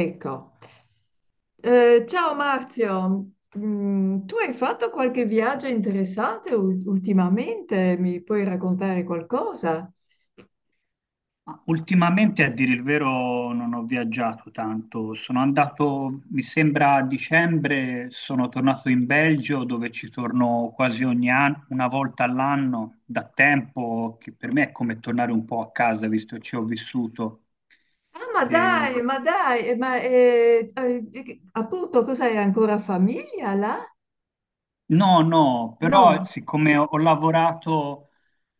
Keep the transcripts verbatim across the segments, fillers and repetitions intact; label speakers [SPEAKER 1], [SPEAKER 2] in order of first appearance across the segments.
[SPEAKER 1] Ecco. Eh, ciao Marzio. Mm, tu hai fatto qualche viaggio interessante ul- ultimamente? Mi puoi raccontare qualcosa?
[SPEAKER 2] Ma ultimamente, a dire il vero, non ho viaggiato tanto. Sono andato, mi sembra, a dicembre, sono tornato in Belgio, dove ci torno quasi ogni anno, una volta all'anno, da tempo, che per me è come tornare un po' a casa, visto che ci ho vissuto.
[SPEAKER 1] Ah, ma
[SPEAKER 2] E-
[SPEAKER 1] dai, ma dai, eh, ma eh, eh, eh, appunto, cos'hai ancora famiglia là?
[SPEAKER 2] No, no, però
[SPEAKER 1] No.
[SPEAKER 2] siccome ho ho lavorato.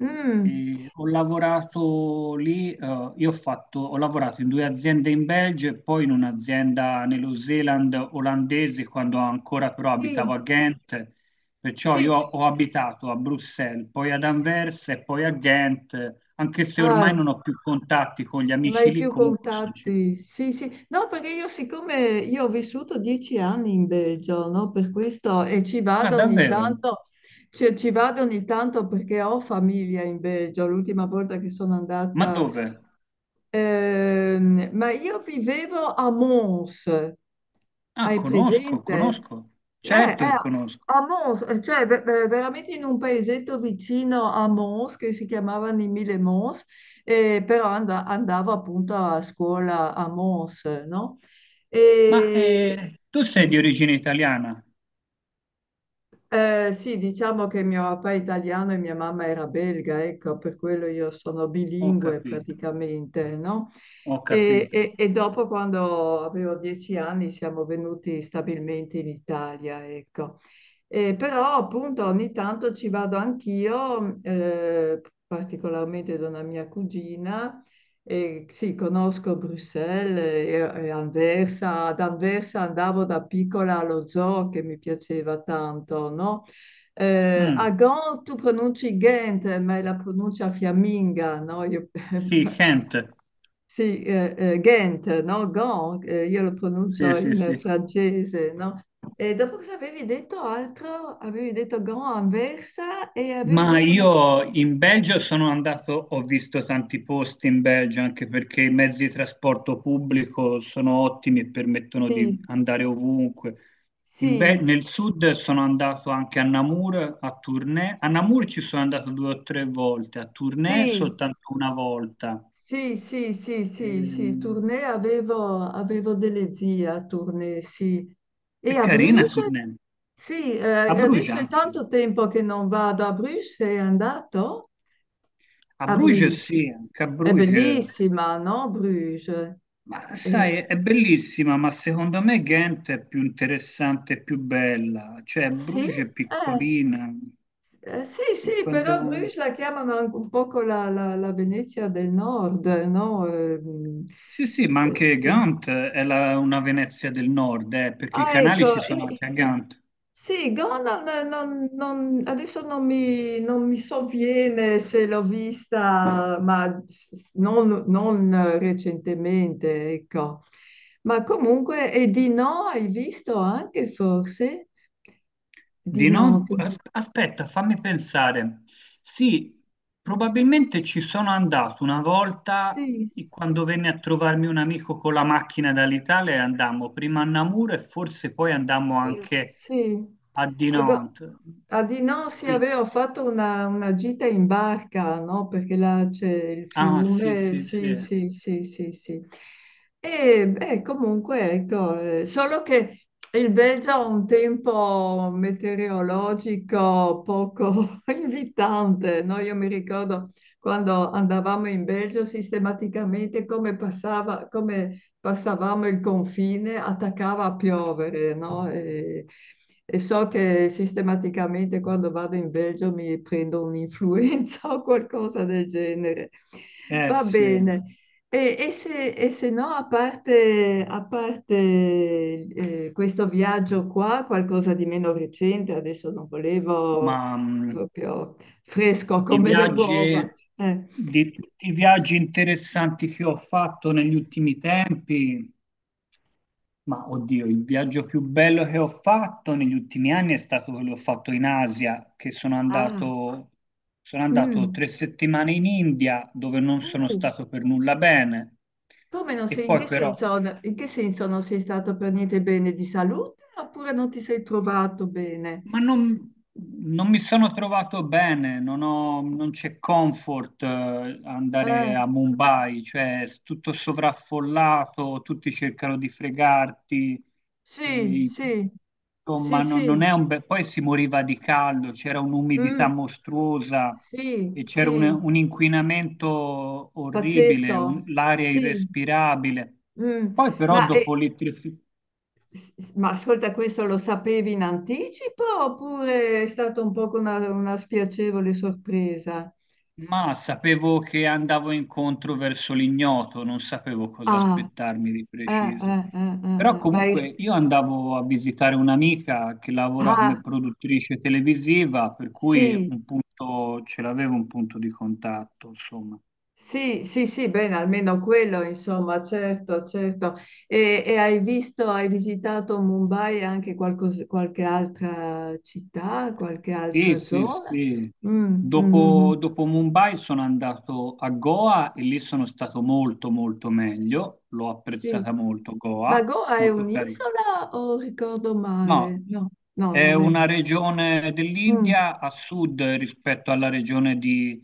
[SPEAKER 1] Mm,
[SPEAKER 2] E ho lavorato lì, eh, io ho fatto, ho lavorato in due aziende in Belgio e poi in un'azienda nello Zeeland olandese quando ancora però abitavo
[SPEAKER 1] sì,
[SPEAKER 2] a Ghent, perciò io
[SPEAKER 1] sì.
[SPEAKER 2] ho abitato a Bruxelles, poi ad Anversa e poi a Ghent, anche se
[SPEAKER 1] Ah,
[SPEAKER 2] ormai non ho più contatti con gli
[SPEAKER 1] non
[SPEAKER 2] amici
[SPEAKER 1] hai
[SPEAKER 2] lì,
[SPEAKER 1] più
[SPEAKER 2] comunque sono ci-
[SPEAKER 1] contatti? Sì, sì. No, perché io siccome io ho vissuto dieci anni in Belgio, no? Per questo e ci
[SPEAKER 2] Ah,
[SPEAKER 1] vado ogni
[SPEAKER 2] davvero?
[SPEAKER 1] tanto, cioè, ci vado ogni tanto perché ho famiglia in Belgio. L'ultima volta che sono
[SPEAKER 2] Ma
[SPEAKER 1] andata,
[SPEAKER 2] dove?
[SPEAKER 1] ehm, ma io vivevo a Mons,
[SPEAKER 2] Ah,
[SPEAKER 1] hai
[SPEAKER 2] conosco,
[SPEAKER 1] presente?
[SPEAKER 2] conosco,
[SPEAKER 1] Eh,
[SPEAKER 2] certo
[SPEAKER 1] eh,
[SPEAKER 2] che conosco.
[SPEAKER 1] A Mons, eh, cioè ve- ve- veramente in un paesetto vicino a Mons che si chiamava Nimile Mons e però and- andavo appunto a scuola a Mons, no?
[SPEAKER 2] Ma
[SPEAKER 1] E
[SPEAKER 2] eh, tu sei di
[SPEAKER 1] di-
[SPEAKER 2] origine italiana?
[SPEAKER 1] eh, sì, diciamo che mio papà è italiano e mia mamma era belga, ecco, per quello io sono
[SPEAKER 2] Ho
[SPEAKER 1] bilingue
[SPEAKER 2] capito.
[SPEAKER 1] praticamente, no?
[SPEAKER 2] Ho
[SPEAKER 1] E,
[SPEAKER 2] capito.
[SPEAKER 1] e- e dopo, quando avevo dieci anni, siamo venuti stabilmente in Italia, ecco. Eh, però appunto ogni tanto ci vado anch'io, eh, particolarmente da una mia cugina. E sì, conosco Bruxelles e, e Anversa. Ad Anversa andavo da piccola allo zoo che mi piaceva tanto, no? Eh, a
[SPEAKER 2] Mm.
[SPEAKER 1] Gand tu pronunci Ghent, ma è la pronuncia fiamminga, no? Io
[SPEAKER 2] Sì, Kent.
[SPEAKER 1] Sì, eh, eh, Ghent, no? Gand, eh, io lo
[SPEAKER 2] Sì,
[SPEAKER 1] pronuncio
[SPEAKER 2] sì,
[SPEAKER 1] in
[SPEAKER 2] sì.
[SPEAKER 1] francese, no? E dopo cosa avevi detto altro? Avevi detto Gand, Anversa e avevi
[SPEAKER 2] Ma
[SPEAKER 1] detto un altro-
[SPEAKER 2] io in Belgio sono andato, ho visto tanti posti in Belgio anche perché i mezzi di trasporto pubblico sono ottimi e permettono
[SPEAKER 1] Sì,
[SPEAKER 2] di andare ovunque. In Be-
[SPEAKER 1] sì,
[SPEAKER 2] nel sud sono andato anche a Namur, a Tournai. A Namur ci sono andato due o tre volte, a Tournai
[SPEAKER 1] sì,
[SPEAKER 2] soltanto una volta.
[SPEAKER 1] sì, sì, sì, sì, sì,
[SPEAKER 2] Ehm,
[SPEAKER 1] Tournai, avevo, avevo delle zie a Tournai, sì. E
[SPEAKER 2] è
[SPEAKER 1] a
[SPEAKER 2] carina
[SPEAKER 1] Bruges?
[SPEAKER 2] Tournai.
[SPEAKER 1] Sì,
[SPEAKER 2] A
[SPEAKER 1] eh,
[SPEAKER 2] Bruges
[SPEAKER 1] adesso è
[SPEAKER 2] anche.
[SPEAKER 1] tanto tempo che non vado a Bruges, sei andato?
[SPEAKER 2] A
[SPEAKER 1] A
[SPEAKER 2] Bruges
[SPEAKER 1] Bruges.
[SPEAKER 2] sì, anche a
[SPEAKER 1] È
[SPEAKER 2] Bruges,
[SPEAKER 1] bellissima, no? Bruges.
[SPEAKER 2] ma
[SPEAKER 1] Eh,
[SPEAKER 2] sai, è bellissima, ma secondo me Ghent è più interessante e più bella, cioè
[SPEAKER 1] sì?
[SPEAKER 2] Bruges è
[SPEAKER 1] Eh,
[SPEAKER 2] piccolina,
[SPEAKER 1] Eh, sì,
[SPEAKER 2] e
[SPEAKER 1] sì, però
[SPEAKER 2] quando-
[SPEAKER 1] Bruges la chiamano anche un poco la, la- la Venezia del Nord, no? Eh, mm,
[SPEAKER 2] sì sì, ma
[SPEAKER 1] eh,
[SPEAKER 2] anche
[SPEAKER 1] sì.
[SPEAKER 2] Gant è la- una Venezia del nord, eh, perché i
[SPEAKER 1] Ah,
[SPEAKER 2] canali ci
[SPEAKER 1] ecco,
[SPEAKER 2] sono
[SPEAKER 1] eh,
[SPEAKER 2] anche a Gant.
[SPEAKER 1] sì, Gonan, eh, non- non- adesso non mi, non mi sovviene se l'ho vista, ma s- s- non, non, eh, recentemente, ecco. Ma comunque, e di no, hai visto anche forse? Di
[SPEAKER 2] Di
[SPEAKER 1] no,
[SPEAKER 2] non...
[SPEAKER 1] ti-
[SPEAKER 2] as- Aspetta, fammi pensare. Sì, probabilmente ci sono andato una volta
[SPEAKER 1] sì,
[SPEAKER 2] i- quando venne a trovarmi un amico con la macchina dall'Italia e andammo prima a Namur e forse poi andammo
[SPEAKER 1] eh,
[SPEAKER 2] anche
[SPEAKER 1] sì.
[SPEAKER 2] a
[SPEAKER 1] Ecco,
[SPEAKER 2] Dinant.
[SPEAKER 1] ah, di no, sì,
[SPEAKER 2] Sì.
[SPEAKER 1] avevo fatto una, una gita in barca, no? Perché là c'è il
[SPEAKER 2] Ah, sì,
[SPEAKER 1] fiume,
[SPEAKER 2] sì, sì.
[SPEAKER 1] sì, sì, sì, sì, sì. E beh, comunque, ecco, eh, solo che il Belgio ha un tempo meteorologico poco invitante, no? Io mi ricordo quando andavamo in Belgio sistematicamente come passava, come passavamo il confine, attaccava a piovere, no? E- e so che sistematicamente quando vado in Belgio mi prendo un'influenza o qualcosa del genere.
[SPEAKER 2] Eh
[SPEAKER 1] Va
[SPEAKER 2] sì,
[SPEAKER 1] bene. E, e se, e se no, a parte, a parte, eh, questo viaggio qua, qualcosa di meno recente, adesso non volevo
[SPEAKER 2] ma mh,
[SPEAKER 1] proprio fresco
[SPEAKER 2] i
[SPEAKER 1] come le uova.
[SPEAKER 2] viaggi,
[SPEAKER 1] eh.
[SPEAKER 2] di tutti i viaggi interessanti che ho fatto negli ultimi tempi, ma oddio, il viaggio più bello che ho fatto negli ultimi anni è stato quello che ho fatto in Asia, che sono
[SPEAKER 1] Ah,
[SPEAKER 2] andato, sono andato
[SPEAKER 1] mm.
[SPEAKER 2] tre settimane in India dove non sono
[SPEAKER 1] Uh,
[SPEAKER 2] stato per nulla bene.
[SPEAKER 1] come non
[SPEAKER 2] E
[SPEAKER 1] sei, in
[SPEAKER 2] poi
[SPEAKER 1] che
[SPEAKER 2] però,
[SPEAKER 1] senso, in che senso non sei stato per niente bene di salute oppure non ti sei trovato bene?
[SPEAKER 2] ma non, non mi sono trovato bene, non ho- non c'è comfort eh,
[SPEAKER 1] Eh,
[SPEAKER 2] andare a Mumbai, cioè è tutto sovraffollato, tutti cercano di fregarti, e-
[SPEAKER 1] sì,
[SPEAKER 2] i-
[SPEAKER 1] sì, sì,
[SPEAKER 2] insomma no-
[SPEAKER 1] sì,
[SPEAKER 2] non è un bel... Poi si moriva di caldo, c'era un'umidità
[SPEAKER 1] mm,
[SPEAKER 2] mostruosa
[SPEAKER 1] sì,
[SPEAKER 2] e c'era un,
[SPEAKER 1] sì,
[SPEAKER 2] un inquinamento orribile, un-
[SPEAKER 1] pazzesco,
[SPEAKER 2] l'aria
[SPEAKER 1] sì,
[SPEAKER 2] irrespirabile.
[SPEAKER 1] mm.
[SPEAKER 2] Poi però
[SPEAKER 1] Ma, eh,
[SPEAKER 2] dopo l'elettrifi-
[SPEAKER 1] s- s- ma ascolta, questo lo sapevi in anticipo oppure è stata un po' una, una spiacevole sorpresa?
[SPEAKER 2] Ma sapevo che andavo incontro verso l'ignoto, non sapevo cosa
[SPEAKER 1] Ah,
[SPEAKER 2] aspettarmi di
[SPEAKER 1] eh,
[SPEAKER 2] preciso.
[SPEAKER 1] eh, eh, eh,
[SPEAKER 2] Però
[SPEAKER 1] eh, ma
[SPEAKER 2] comunque
[SPEAKER 1] è-
[SPEAKER 2] io andavo a visitare un'amica che lavora
[SPEAKER 1] ah,
[SPEAKER 2] come produttrice televisiva, per cui
[SPEAKER 1] sì,
[SPEAKER 2] un punto, ce l'avevo un punto di contatto, insomma.
[SPEAKER 1] sì, sì, sì, bene, almeno quello, insomma, certo, certo. E, e hai visto, hai visitato Mumbai e anche qualcos- qualche altra città, qualche
[SPEAKER 2] Sì,
[SPEAKER 1] altra
[SPEAKER 2] sì,
[SPEAKER 1] zona?
[SPEAKER 2] sì.
[SPEAKER 1] Mm, mm, mm,
[SPEAKER 2] Dopo, dopo Mumbai sono andato a Goa e lì sono stato molto, molto meglio. L'ho
[SPEAKER 1] sì.
[SPEAKER 2] apprezzata molto,
[SPEAKER 1] Ma
[SPEAKER 2] Goa,
[SPEAKER 1] Goa è
[SPEAKER 2] molto carina.
[SPEAKER 1] un'isola o ricordo
[SPEAKER 2] No,
[SPEAKER 1] male? No, no,
[SPEAKER 2] è
[SPEAKER 1] non è
[SPEAKER 2] una
[SPEAKER 1] un'isola.
[SPEAKER 2] regione
[SPEAKER 1] Mm,
[SPEAKER 2] dell'India a sud rispetto alla regione di,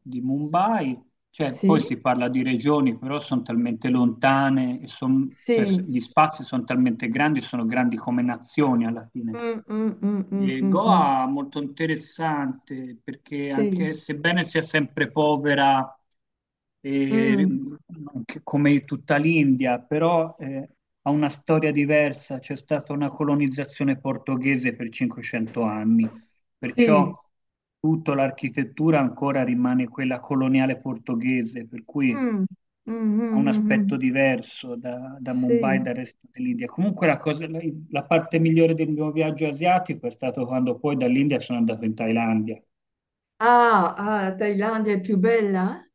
[SPEAKER 2] di Mumbai, cioè poi
[SPEAKER 1] sì,
[SPEAKER 2] si parla di regioni, però sono talmente lontane, e son- cioè, s-
[SPEAKER 1] sì.
[SPEAKER 2] gli spazi sono talmente grandi, sono grandi come nazioni alla fine.
[SPEAKER 1] Mm, mm, mm, mm,
[SPEAKER 2] E
[SPEAKER 1] mm, mm.
[SPEAKER 2] Goa è molto interessante perché
[SPEAKER 1] Sì,
[SPEAKER 2] anche sebbene sia sempre povera eh,
[SPEAKER 1] mm,
[SPEAKER 2] anche come tutta l'India, però eh, ha una storia diversa, c'è stata una colonizzazione portoghese per cinquecento anni,
[SPEAKER 1] sì.
[SPEAKER 2] perciò tutta l'architettura ancora rimane quella coloniale portoghese, per cui
[SPEAKER 1] Mm, mm,
[SPEAKER 2] ha
[SPEAKER 1] mm,
[SPEAKER 2] un
[SPEAKER 1] mm,
[SPEAKER 2] aspetto
[SPEAKER 1] mm.
[SPEAKER 2] diverso da, da Mumbai e
[SPEAKER 1] Sì.
[SPEAKER 2] dal resto dell'India. Comunque la, cosa- la- la parte migliore del mio viaggio asiatico è stato quando poi dall'India sono andato in Thailandia.
[SPEAKER 1] Ah, ah, la Thailandia è più bella?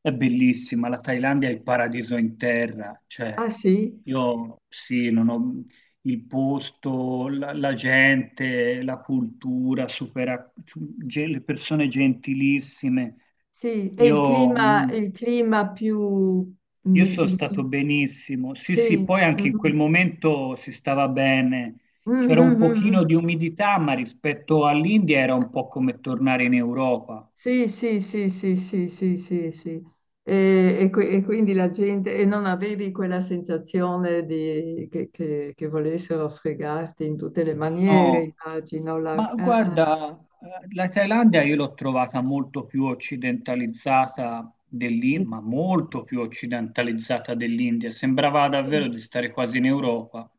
[SPEAKER 2] È bellissima, la Thailandia è il paradiso in terra, cioè
[SPEAKER 1] Ah sì,
[SPEAKER 2] io sì, non ho il posto, la, la gente, la cultura, supera- ge- le persone gentilissime.
[SPEAKER 1] sì, è il
[SPEAKER 2] Io
[SPEAKER 1] clima,
[SPEAKER 2] mh,
[SPEAKER 1] il clima più...
[SPEAKER 2] io
[SPEAKER 1] mi-
[SPEAKER 2] sono
[SPEAKER 1] il cli-
[SPEAKER 2] stato benissimo. Sì, sì,
[SPEAKER 1] sì.
[SPEAKER 2] poi anche in
[SPEAKER 1] Mhm.
[SPEAKER 2] quel momento si stava bene. C'era un
[SPEAKER 1] Mhm, mhm.
[SPEAKER 2] pochino di umidità, ma rispetto all'India era un po' come tornare in Europa.
[SPEAKER 1] Sì, sì, sì, sì, sì, sì, sì, sì. E, e qui- e quindi la gente. E non avevi quella sensazione di, che, che- che volessero fregarti in tutte le maniere,
[SPEAKER 2] No,
[SPEAKER 1] immagino. La-
[SPEAKER 2] ma
[SPEAKER 1] ah, ah.
[SPEAKER 2] guarda, eh, la Thailandia io l'ho trovata molto più occidentalizzata dell'India, ma molto più occidentalizzata dell'India. Sembrava davvero
[SPEAKER 1] Sì,
[SPEAKER 2] di stare quasi in Europa,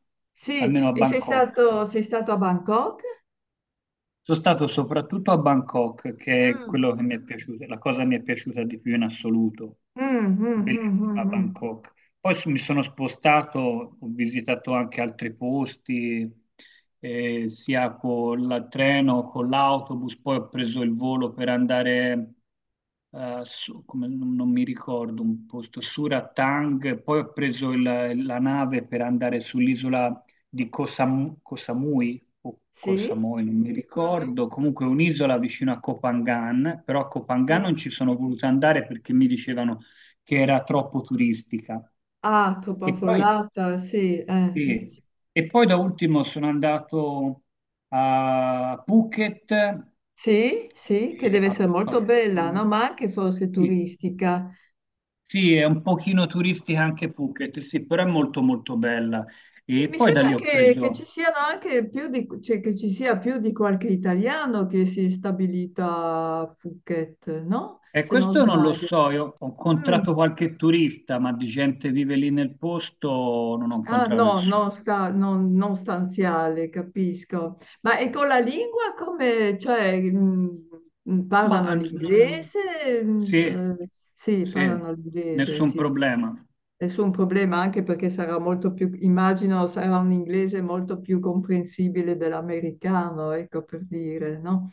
[SPEAKER 2] almeno
[SPEAKER 1] sì.
[SPEAKER 2] a
[SPEAKER 1] E sei
[SPEAKER 2] Bangkok.
[SPEAKER 1] stato, sei stato a Bangkok?
[SPEAKER 2] Sono stato soprattutto a Bangkok, che è
[SPEAKER 1] Mm,
[SPEAKER 2] quello che mi è piaciuto, la cosa che mi è piaciuta di più in assoluto.
[SPEAKER 1] mm, mm, mm, mm,
[SPEAKER 2] Bellissima
[SPEAKER 1] mm.
[SPEAKER 2] Bangkok. Poi su- mi sono spostato, ho visitato anche altri posti, eh, sia con il treno, con l'autobus, poi ho preso il volo per andare eh, su- come non, non mi ricordo, un posto, Surat Thang, poi ho preso il- la nave per andare sull'isola di Koh Sam- Koh Samui, o Koh
[SPEAKER 1] Sì?
[SPEAKER 2] Samui, non mi
[SPEAKER 1] Mhm.
[SPEAKER 2] ricordo, comunque un'isola vicino a Koh Phangan, però a Koh Phangan
[SPEAKER 1] Sì?
[SPEAKER 2] non ci sono voluto andare perché mi dicevano che era troppo turistica.
[SPEAKER 1] Ah, troppo
[SPEAKER 2] E poi,
[SPEAKER 1] affollata, sì, eh, s-
[SPEAKER 2] sì. E poi da ultimo sono andato a Phuket,
[SPEAKER 1] Sì, sì, che
[SPEAKER 2] e
[SPEAKER 1] deve
[SPEAKER 2] a
[SPEAKER 1] essere molto bella,
[SPEAKER 2] Phuket.
[SPEAKER 1] no? Ma anche forse
[SPEAKER 2] Sì,
[SPEAKER 1] turistica.
[SPEAKER 2] sì, è un pochino turistica anche Phuket, sì, però è molto molto bella.
[SPEAKER 1] Sì,
[SPEAKER 2] E
[SPEAKER 1] mi
[SPEAKER 2] poi da
[SPEAKER 1] sembra
[SPEAKER 2] lì ho
[SPEAKER 1] che, che ci
[SPEAKER 2] preso...
[SPEAKER 1] siano anche più di, cioè, che ci sia più di qualche italiano che si è stabilito a Phuket, no?
[SPEAKER 2] E
[SPEAKER 1] Se non
[SPEAKER 2] questo non lo
[SPEAKER 1] sbaglio.
[SPEAKER 2] so, io ho
[SPEAKER 1] Mm.
[SPEAKER 2] incontrato qualche turista, ma di gente che vive lì nel posto non ho
[SPEAKER 1] Ah,
[SPEAKER 2] incontrato
[SPEAKER 1] no,
[SPEAKER 2] nessuno.
[SPEAKER 1] non, sta, non, non stanziale, capisco. Ma e con la lingua come, cioè, mh, mh,
[SPEAKER 2] Ma
[SPEAKER 1] parlano
[SPEAKER 2] eh, non-
[SPEAKER 1] l'inglese? Mh,
[SPEAKER 2] sì,
[SPEAKER 1] eh, sì,
[SPEAKER 2] sì,
[SPEAKER 1] parlano l'inglese,
[SPEAKER 2] nessun
[SPEAKER 1] sì. Sì.
[SPEAKER 2] problema.
[SPEAKER 1] Nessun problema, anche perché sarà molto più, immagino sarà un inglese molto più comprensibile dell'americano, ecco per dire, no?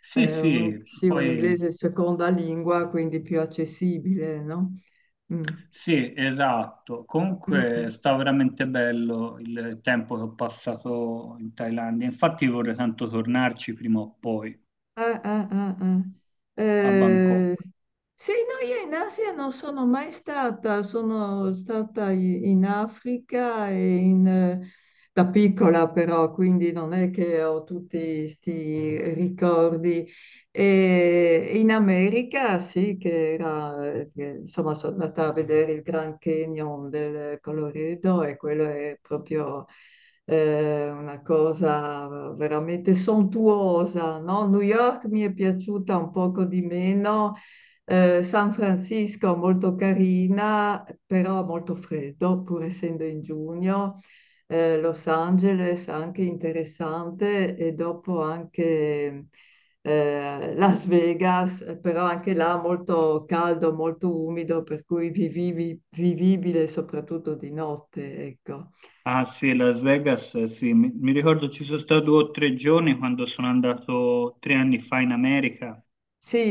[SPEAKER 2] Sì,
[SPEAKER 1] Eh, un-
[SPEAKER 2] sì,
[SPEAKER 1] sì, un
[SPEAKER 2] poi
[SPEAKER 1] inglese seconda lingua, quindi più accessibile, no? Mm.
[SPEAKER 2] sì, esatto.
[SPEAKER 1] Mm,
[SPEAKER 2] Comunque sta veramente bello il tempo che ho passato in Thailandia. Infatti vorrei tanto tornarci prima o poi.
[SPEAKER 1] ah, ah, ah, ah.
[SPEAKER 2] A Bangkok.
[SPEAKER 1] Eh, sì, no, io in Asia non sono mai stata, sono stata i- in Africa e in, eh, da piccola però, quindi non è che ho tutti questi ricordi. E in America sì, che era, che, insomma, sono andata a vedere il Grand Canyon del Colorado e quello è proprio eh, una cosa veramente sontuosa, no? New York mi è piaciuta un poco di meno, eh, San Francisco molto carina, però molto freddo, pur essendo in giugno. Eh, Los Angeles anche interessante e dopo anche eh, Las Vegas, eh, però anche là molto caldo, molto umido, per cui vivivi- vivibile soprattutto di notte, ecco.
[SPEAKER 2] Ah sì, Las Vegas, eh, sì, mi, mi ricordo ci sono stato due o tre giorni quando sono andato tre anni fa in America.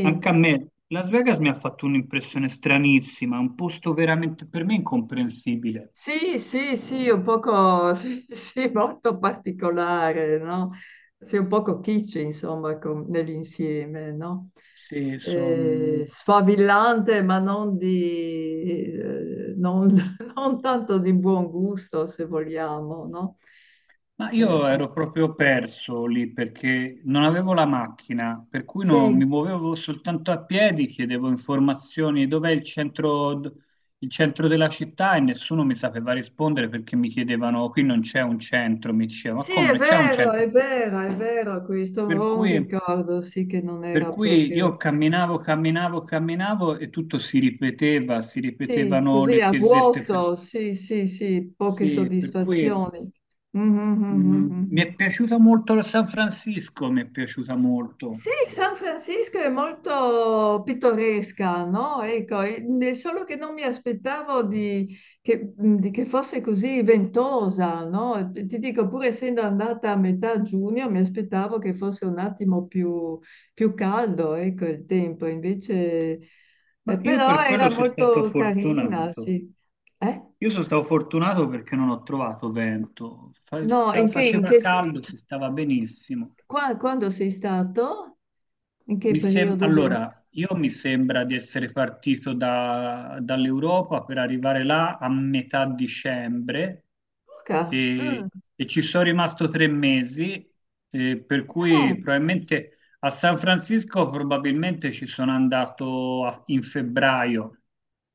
[SPEAKER 2] Anche a me, Las Vegas mi ha fatto un'impressione stranissima, un posto veramente per me incomprensibile.
[SPEAKER 1] sì, sì, sì, un poco, sì, sì, molto particolare, no? Sei un poco kitsch, insomma, com- nell'insieme, no?
[SPEAKER 2] Sì,
[SPEAKER 1] Eh,
[SPEAKER 2] sono,
[SPEAKER 1] sfavillante, ma non di, eh, non, non tanto di buon gusto, se vogliamo, no?
[SPEAKER 2] ma
[SPEAKER 1] Eh,
[SPEAKER 2] io
[SPEAKER 1] ah,
[SPEAKER 2] ero proprio perso lì perché non avevo la macchina, per cui no-
[SPEAKER 1] sì.
[SPEAKER 2] mi muovevo soltanto a piedi, chiedevo informazioni dov'è il centro, d- il centro della città e nessuno mi sapeva rispondere perché mi chiedevano qui non c'è un centro, mi diceva ma
[SPEAKER 1] Sì,
[SPEAKER 2] come
[SPEAKER 1] è
[SPEAKER 2] non c'è un
[SPEAKER 1] vero,
[SPEAKER 2] centro?
[SPEAKER 1] è vero, è vero questo,
[SPEAKER 2] Per
[SPEAKER 1] ho un
[SPEAKER 2] cui,
[SPEAKER 1] ricordo, sì, che non
[SPEAKER 2] per
[SPEAKER 1] era
[SPEAKER 2] cui
[SPEAKER 1] proprio.
[SPEAKER 2] io camminavo, camminavo, camminavo e tutto si ripeteva, si
[SPEAKER 1] Sì,
[SPEAKER 2] ripetevano
[SPEAKER 1] così
[SPEAKER 2] le
[SPEAKER 1] a
[SPEAKER 2] chiesette, per-
[SPEAKER 1] vuoto, sì, sì, sì, poche
[SPEAKER 2] sì, per cui...
[SPEAKER 1] soddisfazioni. Mhm, mhm,
[SPEAKER 2] Mm, mi è
[SPEAKER 1] mhm.
[SPEAKER 2] piaciuta molto San Francisco, mi è piaciuta molto,
[SPEAKER 1] Sì, San Francisco è molto pittoresca, no? Ecco, e- ne- solo che non mi aspettavo di, che, di che fosse così ventosa, no? Ti ti dico, pur essendo andata a metà giugno, mi aspettavo che fosse un attimo più, più caldo, ecco, il tempo, invece, eh,
[SPEAKER 2] ma io
[SPEAKER 1] però
[SPEAKER 2] per quello
[SPEAKER 1] era
[SPEAKER 2] sono stato
[SPEAKER 1] molto carina,
[SPEAKER 2] fortunato.
[SPEAKER 1] sì. Eh?
[SPEAKER 2] Io sono stato fortunato perché non ho trovato vento, Fa-
[SPEAKER 1] No,
[SPEAKER 2] sta-
[SPEAKER 1] in che, in
[SPEAKER 2] faceva
[SPEAKER 1] che st-
[SPEAKER 2] caldo, si stava benissimo.
[SPEAKER 1] qua- quando sei stato? In che
[SPEAKER 2] Mi sem-
[SPEAKER 1] periodo della
[SPEAKER 2] allora, io mi sembra di essere partito da- dall'Europa per arrivare là a metà dicembre
[SPEAKER 1] Luca? Mm.
[SPEAKER 2] e, e ci sono rimasto tre mesi, eh, per
[SPEAKER 1] Ah,
[SPEAKER 2] cui probabilmente a San Francisco probabilmente ci sono andato a- in febbraio.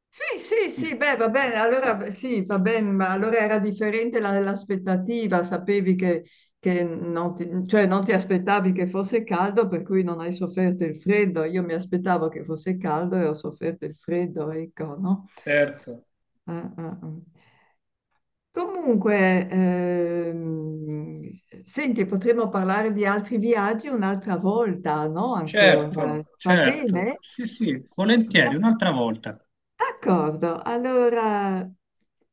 [SPEAKER 1] sì, sì, sì, beh, va bene, allora beh, sì, va bene, ma allora era differente la- l'aspettativa, sapevi che, che non ti, cioè non ti aspettavi che fosse caldo, per cui non hai sofferto il freddo. Io mi aspettavo che fosse caldo e ho sofferto il freddo, ecco, no?
[SPEAKER 2] Certo,
[SPEAKER 1] Ah, ah, ah. Comunque, ehm, senti, potremmo parlare di altri viaggi un'altra volta, no? Ancora.
[SPEAKER 2] certo,
[SPEAKER 1] Va
[SPEAKER 2] certo.
[SPEAKER 1] bene?
[SPEAKER 2] Sì, sì,
[SPEAKER 1] Da-
[SPEAKER 2] volentieri, un'altra volta.
[SPEAKER 1] D'accordo. Allora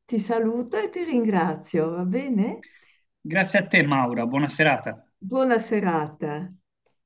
[SPEAKER 1] ti saluto e ti ringrazio, va bene?
[SPEAKER 2] Grazie a te, Maura, buona serata.
[SPEAKER 1] Buona serata.